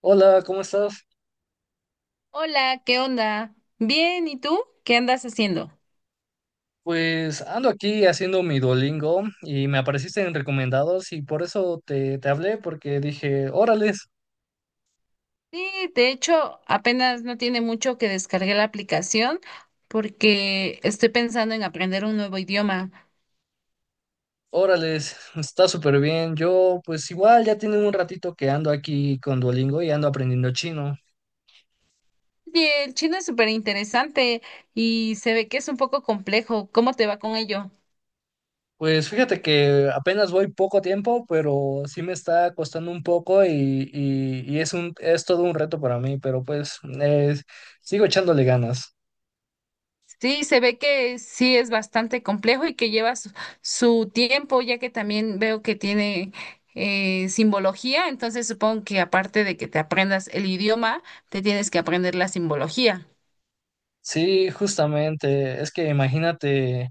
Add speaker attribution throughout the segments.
Speaker 1: Hola, ¿cómo estás?
Speaker 2: Hola, ¿qué onda? Bien, ¿y tú? ¿Qué andas haciendo?
Speaker 1: Pues ando aquí haciendo mi Duolingo y me apareciste en recomendados y por eso te hablé porque dije, órales,
Speaker 2: Sí, de hecho, apenas no tiene mucho que descargué la aplicación porque estoy pensando en aprender un nuevo idioma.
Speaker 1: órales, está súper bien. Yo pues igual ya tiene un ratito que ando aquí con Duolingo y ando aprendiendo chino.
Speaker 2: Oye, el chino es súper interesante y se ve que es un poco complejo. ¿Cómo te va con ello?
Speaker 1: Pues fíjate que apenas voy poco tiempo, pero sí me está costando un poco y es un, es todo un reto para mí, pero pues sigo echándole ganas.
Speaker 2: Sí, se ve que sí es bastante complejo y que lleva su tiempo, ya que también veo que tiene simbología. Entonces supongo que aparte de que te aprendas el idioma, te tienes que aprender la simbología.
Speaker 1: Sí, justamente, es que imagínate.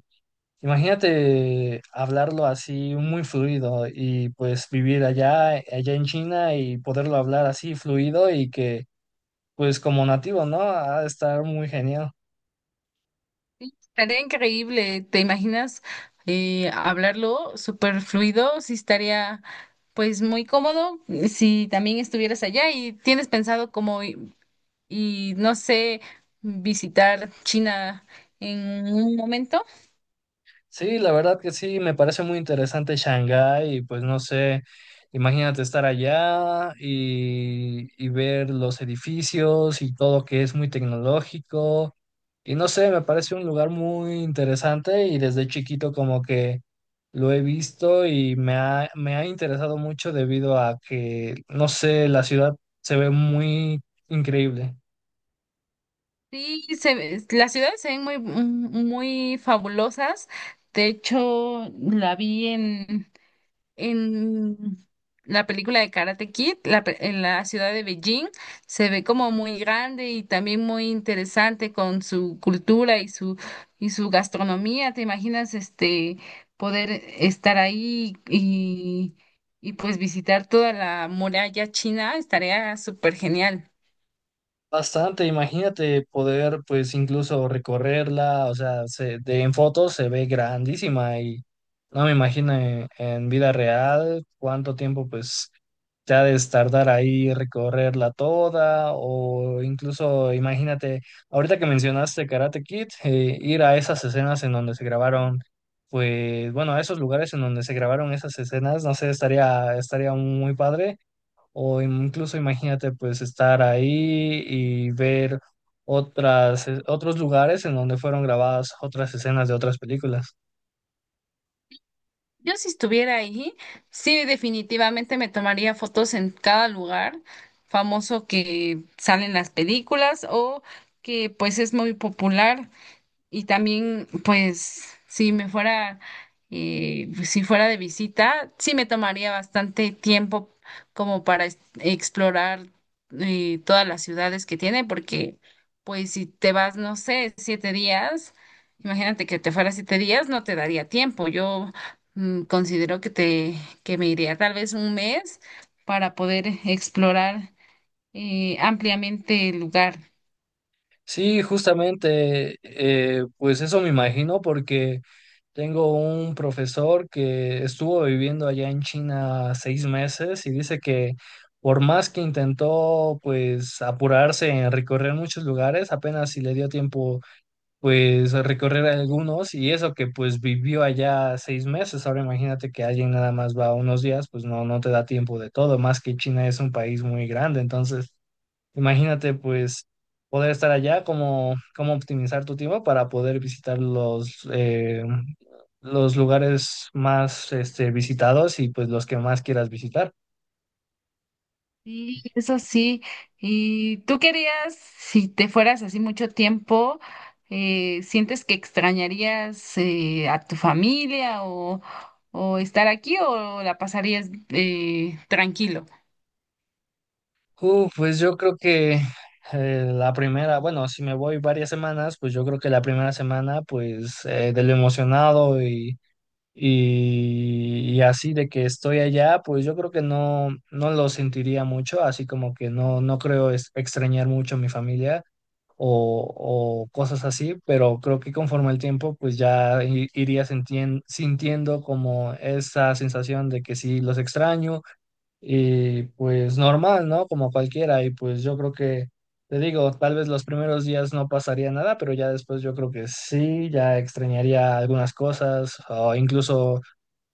Speaker 1: Imagínate hablarlo así muy fluido y pues vivir allá en China y poderlo hablar así fluido y que pues como nativo, ¿no? Ha de estar muy genial.
Speaker 2: Sí, estaría increíble. ¿Te imaginas hablarlo súper fluido? Sí, estaría pues muy cómodo si también estuvieras allá. Y tienes pensado como no sé, visitar China en un momento.
Speaker 1: Sí, la verdad que sí, me parece muy interesante Shanghái y pues no sé, imagínate estar allá y ver los edificios y todo que es muy tecnológico y no sé, me parece un lugar muy interesante y desde chiquito como que lo he visto y me ha interesado mucho debido a que, no sé, la ciudad se ve muy increíble.
Speaker 2: Sí, las ciudades se ven muy, muy fabulosas. De hecho, la vi en En la película de Karate Kid, en la ciudad de Beijing. Se ve como muy grande y también muy interesante con su cultura y su gastronomía. ¿Te imaginas este poder estar ahí pues visitar toda la muralla china? Estaría súper genial.
Speaker 1: Bastante, imagínate poder pues incluso recorrerla, o sea, en fotos se ve grandísima y no me imagino en vida real cuánto tiempo pues te ha de tardar ahí recorrerla toda o incluso imagínate, ahorita que mencionaste Karate Kid, ir a esas escenas en donde se grabaron, pues bueno, a esos lugares en donde se grabaron esas escenas, no sé, estaría muy padre. O incluso imagínate pues estar ahí y ver otras, otros lugares en donde fueron grabadas otras escenas de otras películas.
Speaker 2: Yo, si estuviera ahí, sí, definitivamente me tomaría fotos en cada lugar famoso que salen las películas o que pues es muy popular. Y también, pues, si fuera de visita, sí me tomaría bastante tiempo como para explorar todas las ciudades que tiene, porque, pues, si te vas, no sé, 7 días, imagínate que te fuera 7 días, no te daría tiempo. Yo, considero que me iría tal vez un mes para poder explorar ampliamente el lugar.
Speaker 1: Sí, justamente, pues eso me imagino porque tengo un profesor que estuvo viviendo allá en China 6 meses y dice que por más que intentó pues apurarse en recorrer muchos lugares, apenas si le dio tiempo pues recorrer algunos y eso que pues vivió allá 6 meses. Ahora imagínate que alguien nada más va unos días, pues no, no te da tiempo de todo, más que China es un país muy grande. Entonces, imagínate pues poder estar allá, cómo, cómo optimizar tu tiempo para poder visitar los lugares más este, visitados y pues los que más quieras visitar.
Speaker 2: Sí, eso sí. ¿Y tú querías, si te fueras así mucho tiempo, sientes que extrañarías a tu familia o estar aquí, o la pasarías tranquilo?
Speaker 1: Pues yo creo que la primera, bueno, si me voy varias semanas, pues yo creo que la primera semana, pues de lo emocionado y así de que estoy allá, pues yo creo que no, no lo sentiría mucho, así como que no, extrañar mucho a mi familia o cosas así, pero creo que conforme el tiempo, pues ya iría sintiendo como esa sensación de que sí los extraño y pues normal, ¿no? Como cualquiera. Y pues yo creo que, te digo, tal vez los primeros días no pasaría nada, pero ya después yo creo que sí, ya extrañaría algunas cosas o incluso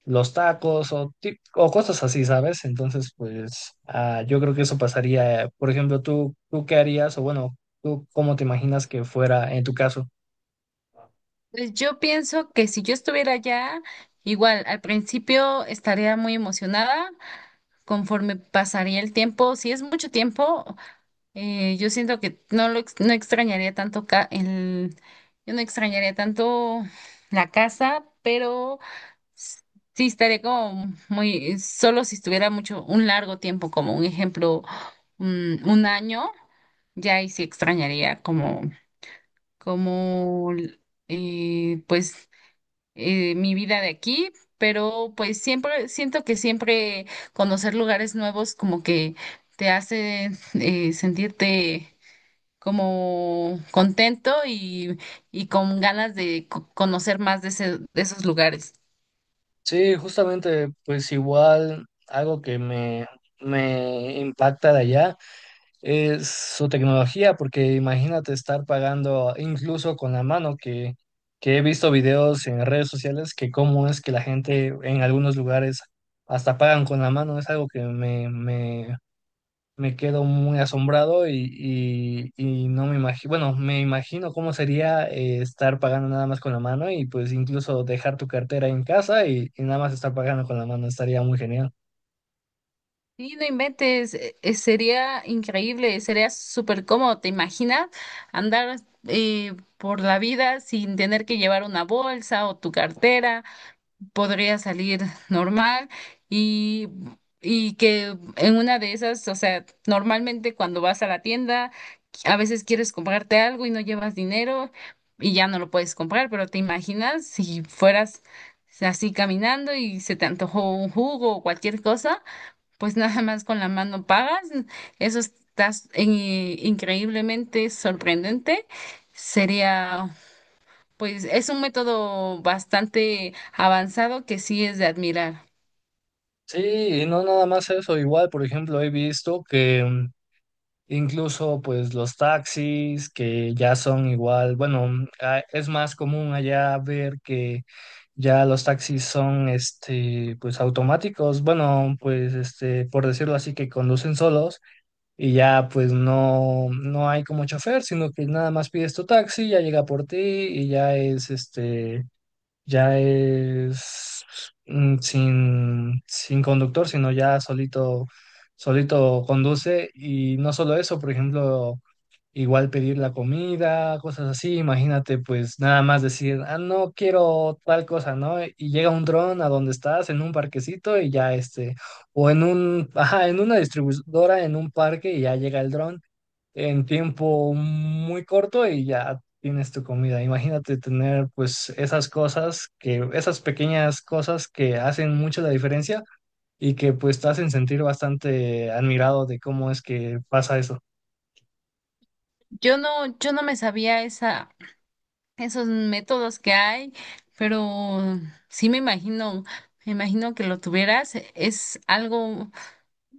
Speaker 1: los tacos o cosas así, ¿sabes? Entonces, pues yo creo que eso pasaría. Por ejemplo, ¿tú qué harías? O bueno, ¿tú cómo te imaginas que fuera en tu caso?
Speaker 2: Pues yo pienso que si yo estuviera allá, igual al principio estaría muy emocionada. Conforme pasaría el tiempo, si es mucho tiempo, yo siento que no extrañaría tanto yo no extrañaría tanto la casa, pero s- sí estaría como muy solo si estuviera mucho, un largo tiempo, como un ejemplo, un año. Ya ahí sí extrañaría como eh, pues mi vida de aquí, pero pues siempre siento que siempre conocer lugares nuevos como que te hace sentirte como contento con ganas de conocer más de esos lugares.
Speaker 1: Sí, justamente, pues igual algo que me impacta de allá. Es su tecnología, porque imagínate estar pagando incluso con la mano, que he visto videos en redes sociales que cómo es que la gente en algunos lugares hasta pagan con la mano, es algo que me quedo muy asombrado y no me imagino, bueno, me imagino cómo sería estar pagando nada más con la mano y pues incluso dejar tu cartera en casa y nada más estar pagando con la mano, estaría muy genial.
Speaker 2: Sí, no inventes, sería increíble, sería súper cómodo. ¿Te imaginas? Andar por la vida sin tener que llevar una bolsa o tu cartera. Podría salir normal y, que en una de esas, o sea, normalmente cuando vas a la tienda a veces quieres comprarte algo y no llevas dinero y ya no lo puedes comprar, pero te imaginas si fueras así caminando y se te antojó un jugo o cualquier cosa, pues nada más con la mano pagas. Eso estás increíblemente sorprendente. Sería pues Es un método bastante avanzado que sí es de admirar.
Speaker 1: Sí, y no nada más eso, igual, por ejemplo, he visto que incluso pues los taxis que ya son igual, bueno, es más común allá ver que ya los taxis son este pues automáticos, bueno, pues este por decirlo así que conducen solos y ya pues no hay como chofer, sino que nada más pides tu taxi, ya llega por ti y ya es ya es sin conductor, sino ya solito, solito conduce. Y no solo eso, por ejemplo, igual pedir la comida, cosas así. Imagínate, pues nada más decir, ah, no quiero tal cosa, ¿no? Y llega un dron a donde estás, en un parquecito, y ya este, o en un, ajá, en una distribuidora, en un parque, y ya llega el dron en tiempo muy corto y ya tienes tu comida. Imagínate tener pues esas cosas que, esas pequeñas cosas que hacen mucho la diferencia y que pues te hacen sentir bastante admirado de cómo es que pasa eso.
Speaker 2: Yo no me sabía esos métodos que hay, pero sí me imagino, que lo tuvieras. Es algo,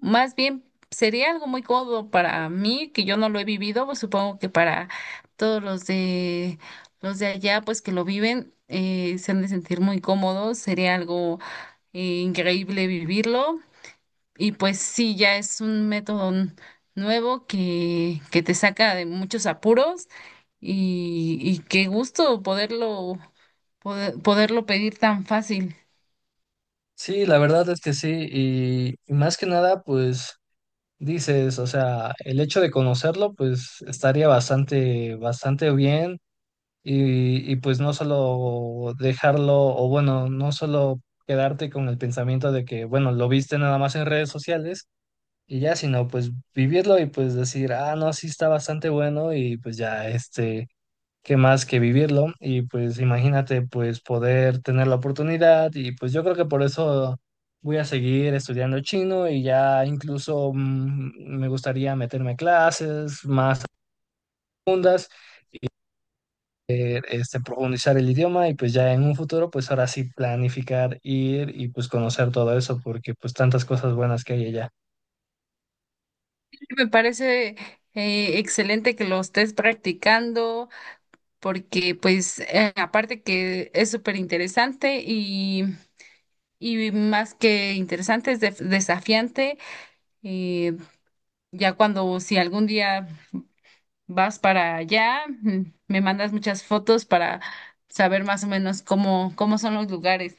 Speaker 2: más bien sería algo muy cómodo para mí, que yo no lo he vivido. Pues supongo que para todos los de allá, pues que lo viven, se han de sentir muy cómodos. Sería algo increíble vivirlo. Y pues sí, ya es un método nuevo que te saca de muchos apuros qué gusto poderlo pedir tan fácil.
Speaker 1: Sí, la verdad es que sí, y más que nada pues dices, o sea, el hecho de conocerlo pues estaría bastante bien y pues no solo dejarlo, o bueno, no solo quedarte con el pensamiento de que, bueno, lo viste nada más en redes sociales y ya, sino pues vivirlo y pues decir, ah, no, sí está bastante bueno y pues ya, este, qué más que vivirlo y pues imagínate pues poder tener la oportunidad y pues yo creo que por eso... Voy a seguir estudiando chino y ya incluso me gustaría meterme a clases más profundas este, profundizar el idioma y pues ya en un futuro, pues ahora sí planificar ir y pues conocer todo eso, porque pues tantas cosas buenas que hay allá.
Speaker 2: Sí, me parece excelente que lo estés practicando, porque pues aparte que es súper interesante más que interesante, es desafiante. eh, ya cuando si algún día vas para allá, me mandas muchas fotos para saber más o menos cómo son los lugares.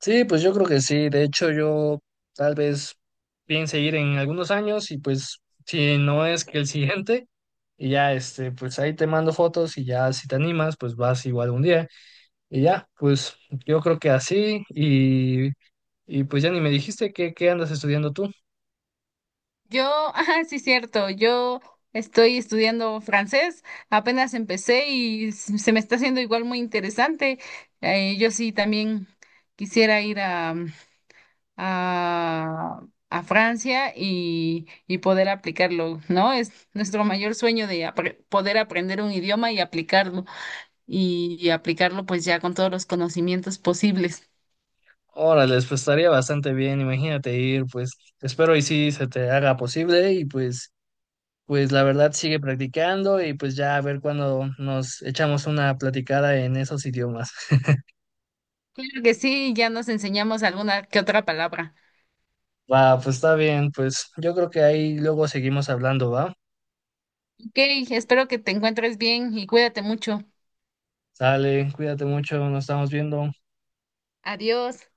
Speaker 1: Sí, pues yo creo que sí. De hecho, yo tal vez piense ir en algunos años y pues si no es que el siguiente. Y ya, este, pues ahí te mando fotos y ya si te animas, pues vas igual un día. Y ya, pues yo creo que así y pues ya ni me dijiste que, qué andas estudiando tú.
Speaker 2: Yo, ah, sí, cierto, yo estoy estudiando francés, apenas empecé y se me está haciendo igual muy interesante. Yo sí también quisiera ir a, a Francia poder aplicarlo, ¿no? Es nuestro mayor sueño de poder aprender un idioma y aplicarlo aplicarlo, pues ya, con todos los conocimientos posibles.
Speaker 1: Órale, pues estaría bastante bien, imagínate ir, pues espero y sí se te haga posible y pues, pues la verdad sigue practicando y pues ya a ver cuando nos echamos una platicada en esos idiomas.
Speaker 2: Claro que sí, ya nos enseñamos alguna que otra palabra.
Speaker 1: Va, pues está bien, pues yo creo que ahí luego seguimos hablando, ¿va?
Speaker 2: Ok, espero que te encuentres bien y cuídate mucho.
Speaker 1: Sale, cuídate mucho, nos estamos viendo.
Speaker 2: Adiós.